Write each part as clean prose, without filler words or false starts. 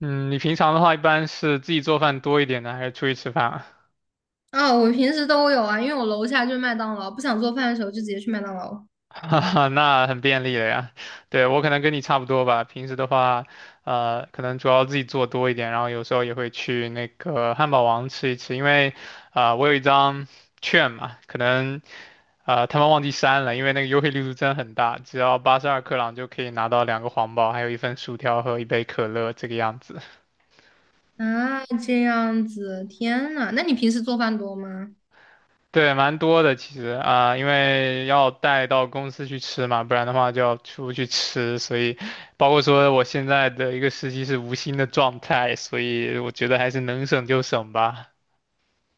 嗯，你平常的话一般是自己做饭多一点呢，还是出去吃饭啊？啊，我平时都有啊，因为我楼下就是麦当劳，不想做饭的时候就直接去麦当劳。哈哈，那很便利了呀。对，我可能跟你差不多吧，平时的话，可能主要自己做多一点，然后有时候也会去那个汉堡王吃一吃，因为，我有一张券嘛，可能，他们忘记删了，因为那个优惠力度真的很大，只要82克朗就可以拿到两个皇堡，还有一份薯条和一杯可乐这个样子。啊，这样子，天呐，那你平时做饭多吗？对，蛮多的其实啊，因为要带到公司去吃嘛，不然的话就要出去吃，所以包括说我现在的一个实习是无薪的状态，所以我觉得还是能省就省吧。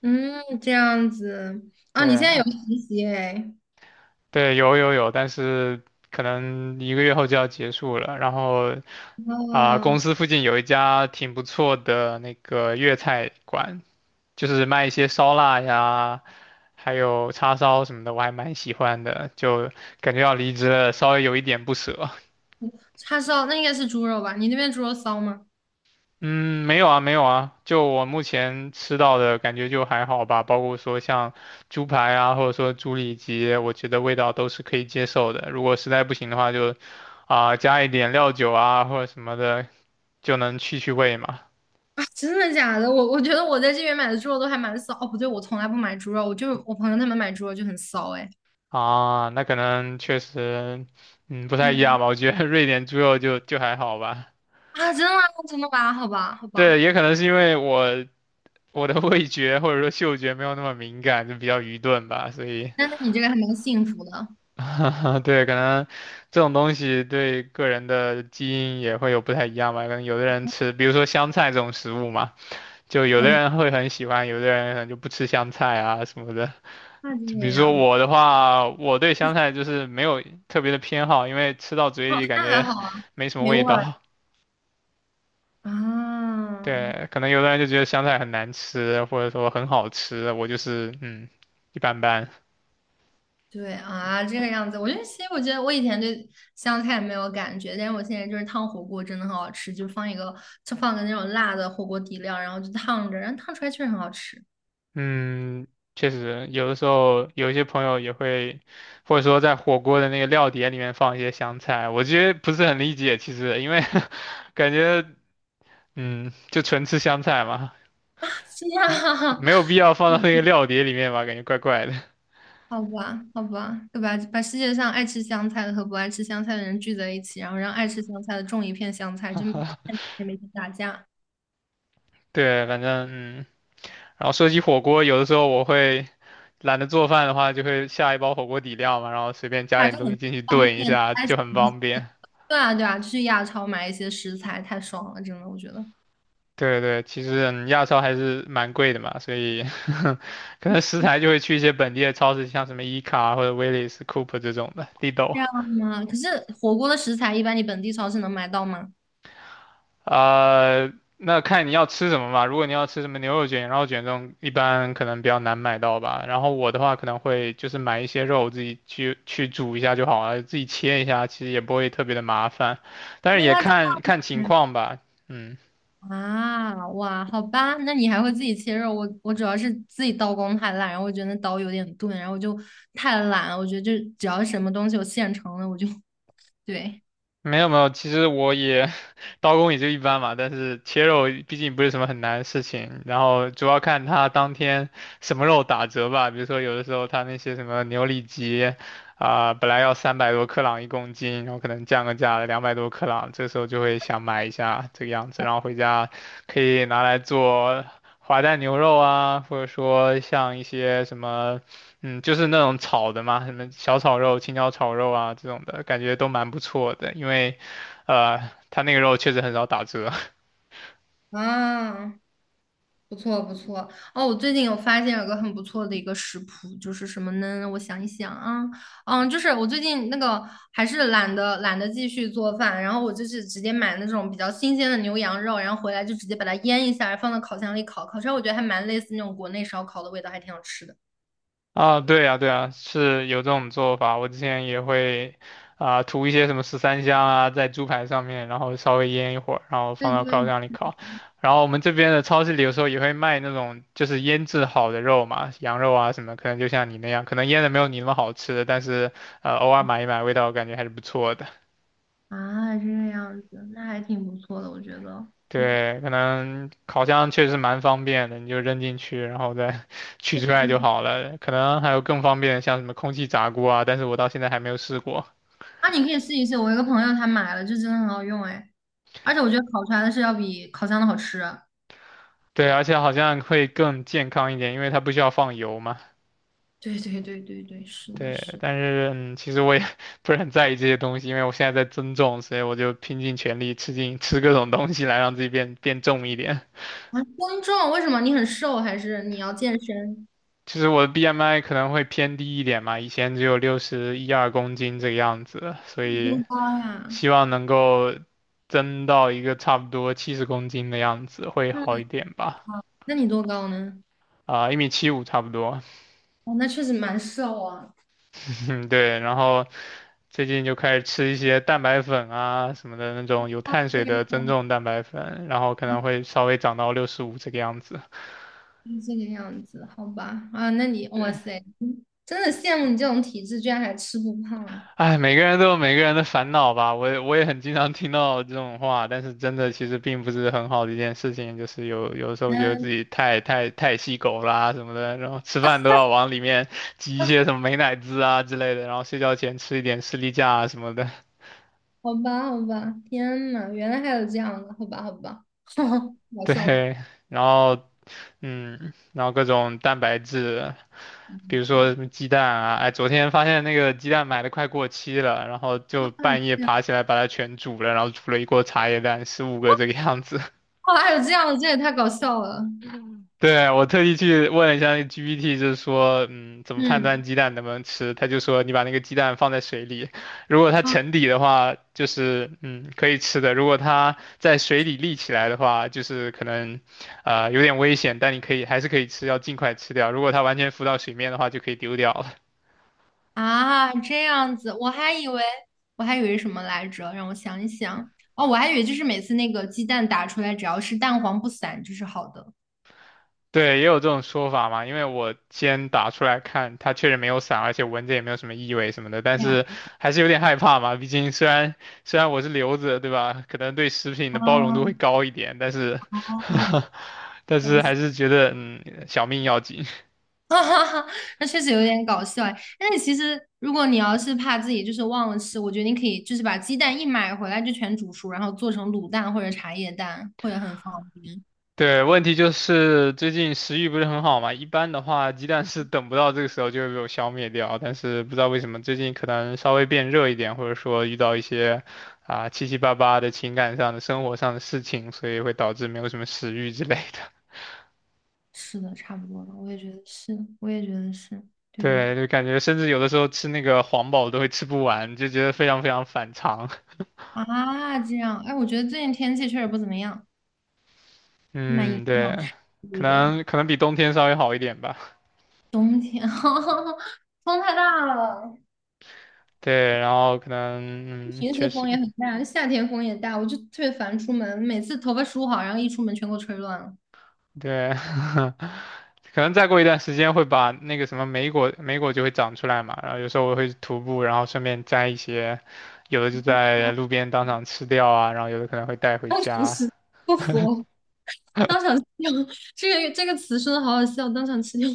嗯，这样子。啊，你现对，在有实习哎？对，有有有，但是可能一个月后就要结束了。然后哦，公司附近有一家挺不错的那个粤菜馆，就是卖一些烧腊呀，还有叉烧什么的，我还蛮喜欢的，就感觉要离职了，稍微有一点不舍。叉烧，那应该是猪肉吧？你那边猪肉骚吗？嗯，没有啊，没有啊，就我目前吃到的感觉就还好吧，包括说像猪排啊，或者说猪里脊，我觉得味道都是可以接受的。如果实在不行的话就，加一点料酒啊或者什么的，就能去去味嘛。啊，真的假的？我觉得我在这边买的猪肉都还蛮骚。哦，不对，我从来不买猪肉，我就是我朋友他们买猪肉就很骚哎。啊，那可能确实，不太一对样吧。我觉得瑞典猪肉就还好吧。啊，真的吗？真的吧？好吧，好对，吧，也可能是因为我的味觉或者说嗅觉没有那么敏感，就比较愚钝吧，所以，那你这个还蛮幸福的。对，可能这种东西对个人的基因也会有不太一样吧。可能有的人吃，比如说香菜这种食物嘛，就有的嗯，人会很喜欢，有的人可能就不吃香菜啊什么的。那这就比个如说样子。我的话，我对香菜就是没有特别的偏好，因为吃到嘴里感那还觉 好啊，没什么没味味儿。道。啊，对，可能有的人就觉得香菜很难吃，或者说很好吃，我就是一般般。对啊，这个样子，我觉得其实我觉得我以前对香菜没有感觉，但是我现在就是烫火锅真的很好吃，就放个那种辣的火锅底料，然后就烫着，然后烫出来确实很好吃。嗯，确实，有的时候有一些朋友也会，或者说在火锅的那个料碟里面放一些香菜，我其实不是很理解，其实因为 感觉就纯吃香菜嘛，是呀，没 有必要放到那个料碟里面吧，感觉怪怪的。好吧，好吧，对吧？把世界上爱吃香菜的和不爱吃香菜的人聚在一起，然后让爱吃香菜的种一片香菜，就每天打架，对，反正然后说起火锅，有的时候我会懒得做饭的话，就会下一包火锅底料嘛，然后随便加打点架东很西进去方炖一便。下，就很方便。对啊，对啊，去亚超买一些食材太爽了，真的，我觉得。对对，其实亚超还是蛮贵的嘛，所以 可能食材就会去一些本地的超市，像什么伊卡或者威利斯、Coop 这种的，Lidl。这样吗？可是火锅的食材一般你本地超市能买到吗？那看你要吃什么吧。如果你要吃什么牛肉卷、羊肉卷这种，一般可能比较难买到吧。然后我的话可能会就是买一些肉，自己去煮一下就好了，自己切一下，其实也不会特别的麻烦。但是那也看看情嗯。况吧，嗯。啊，哇，好吧，那你还会自己切肉？我主要是自己刀工太烂，然后我觉得那刀有点钝，然后我就太懒了。我觉得就只要什么东西有现成的，我就 对没有没有，其实我也 刀工也就一般嘛，但是切肉毕竟不是什么很难的事情，然后主要看他当天什么肉打折吧，比如说有的时候他那些什么牛里脊本来要300多克朗一公斤，然后可能降个价200多克朗，这时候就会想买一下这个样子，然后回家可以拿来做滑蛋牛肉啊，或者说像一些什么。嗯，就是那种炒的嘛，什么小炒肉、青椒炒肉啊这种的，感觉都蛮不错的。因为，呃，它那个肉确实很少打折 啊。不错不错哦，我最近有发现有个很不错的一个食谱，就是什么呢？我想一想啊，嗯，就是我最近那个还是懒得继续做饭，然后我就是直接买那种比较新鲜的牛羊肉，然后回来就直接把它腌一下，放到烤箱里烤，烤出来我觉得还蛮类似那种国内烧烤的味道，还挺好吃的。啊。对啊，对啊，是有这种做法。我之前也会涂一些什么十三香啊，在猪排上面，然后稍微腌一会儿，然后对放到烤对箱里烤。然后我们这边的超市里有时候也会卖那种就是腌制好的肉嘛，羊肉啊什么，可能就像你那样，可能腌的没有你那么好吃，但是偶尔买一买，味道感觉还是不错的。啊，这个样子，那还挺不错的，我觉得。对对，可能烤箱确实蛮方便的，你就扔进去，然后再 取出来对就好了。可能还有更方便的，像什么空气炸锅啊，但是我到现在还没有试过。啊，你可以试一试，我一个朋友他买了，就真的很好用哎，而且我觉得烤出来的是要比烤箱的好吃。对，而且好像会更健康一点，因为它不需要放油嘛。对对对对对，是的，对，是的。但是其实我也 不是很在意这些东西，因为我现在在增重，所以我就拼尽全力吃进 吃各种东西来让自己变重一点。啊，公众，为什么你很瘦，还是你要健身？其实我的 BMI 可能会偏低一点嘛，以前只有六十一二公斤这个样子，所你以。多高呀？希望能够增到一个差不多70公斤的样子，会好嗯，一点吧。那你多高呢？啊，一米七五差不多，哦，那确实蛮瘦啊。嗯，对。然后最近就开始吃一些蛋白粉啊什么的那种有啊，碳水的增对重蛋白粉，然后可啊，能会稍微长到65这个样子。是这个样子，好吧。啊，那你，哇对，塞，真的羡慕你这种体质，居然还吃不胖。哎，每个人都有每个人的烦恼吧，我也很经常听到这种话，但是真的其实并不是很好的一件事情，就是有时候觉得自嗯，己太细狗啦、什么的，然后吃饭都要往里面挤一些什么美乃滋啊之类的，然后睡觉前吃一点士力架啊什么的。好吧，好吧。天呐，原来还有这样的，好吧，好吧。搞笑了。对，然后然后各种蛋白质，比嗯，如说什么鸡蛋啊，哎，昨天发现那个鸡蛋买的快过期了，然后就半夜爬起来把它全煮了，然后煮了一锅茶叶蛋，15个这个样子。哇，还有这样的，这也太搞笑了。对，我特地去问了一下那 GPT,就是说，怎么判断嗯。鸡蛋能不能吃？他就说，你把那个鸡蛋放在水里，如果它啊。沉底的话，就是可以吃的；如果它在水里立起来的话，就是可能，有点危险，但你可以还是可以吃，要尽快吃掉。如果它完全浮到水面的话，就可以丢掉了。啊，这样子，我还以为我还以为什么来着？让我想一想。哦，我还以为就是每次那个鸡蛋打出来，只要是蛋黄不散就是好的。对，也有这种说法嘛，因为我先打出来看，它确实没有散，而且闻着也没有什么异味什么的，但是还是有点害怕嘛。毕竟虽然我是留子，对吧？可能对食品 的包容度会啊，高一点，但是 但搞是笑。 还是觉得小命要紧。哈哈哈，那确实有点搞笑哎。但是其实，如果你要是怕自己就是忘了吃，我觉得你可以就是把鸡蛋一买回来就全煮熟，然后做成卤蛋或者茶叶蛋，会很方便。对，问题就是最近食欲不是很好嘛，一般的话鸡蛋是等不到这个时候就会被我消灭掉，但是不知道为什么最近可能稍微变热一点，或者说遇到一些七七八八的情感上的、生活上的事情，所以会导致没有什么食欲之类的。是的，差不多了，我也觉得是，我也觉得是 对的对，就感觉甚至有的时候吃那个黄堡都会吃不完，就觉得非常非常反常。啊。这样，哎，我觉得最近天气确实不怎么样。蛮影嗯，对，响是可的，能可能比冬天稍微好一点吧。冬天 风太大了，对，然后可能平时确实。风也很大，夏天风也大，我就特别烦出门，每次头发梳好，然后一出门全给我吹乱了，对，可能再过一段时间会把那个什么莓果就会长出来嘛。然后有时候我会徒步，然后顺便摘一些，有的就在路边当场吃掉啊，然后有的可能会带回当场家。吃不服，当场吃掉 这个词说的好好笑，当场吃掉，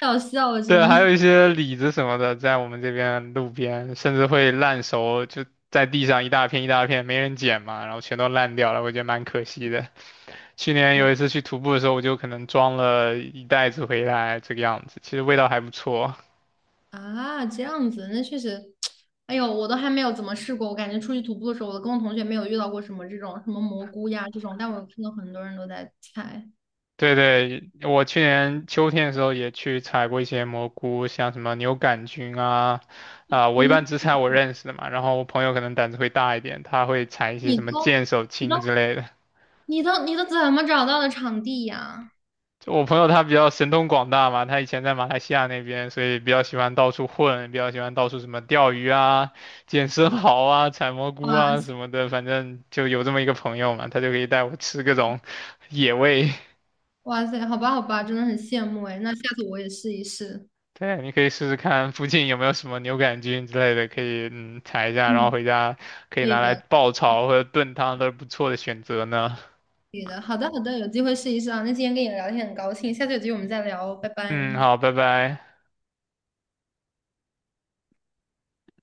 太好笑了，真对，还有的。一些李子什么的，在我们这边路边，甚至会烂熟，就在地上一大片一大片，没人捡嘛，然后全都烂掉了，我觉得蛮可惜的。去年对有一次去徒步的时候，我就可能装了一袋子回来，这个样子，其实味道还不错。啊，这样子，那确实，哎呦，我都还没有怎么试过，我感觉出去徒步的时候，我跟我同学没有遇到过什么这种什么蘑菇呀这种，但我有看到很多人都在猜。对对，我去年秋天的时候也去采过一些蘑菇，像什么牛杆菌啊，可我一般嗯，只采我认识的嘛，然后我朋友可能胆子会大一点，他会采一些你什么都。剑手青之类的。你都怎么找到的场地呀？就我朋友他比较神通广大嘛，他以前在马来西亚那边，所以比较喜欢到处混，比较喜欢到处什么钓鱼啊、捡生蚝啊、采蘑菇啊哇，什么的，反正就有这么一个朋友嘛，他就可以带我吃各种野味。哇塞，好吧好吧，真的很羡慕哎。那下次我也试一试。对，你可以试试看附近有没有什么牛肝菌之类的，可以采一下，然后嗯，回家可以可以拿来的，爆炒或者炖汤都是不错的选择呢。可以的。好的好的，有机会试一试啊。那今天跟你聊天很高兴，下次有机会我们再聊哦，拜拜。嗯，好，拜拜。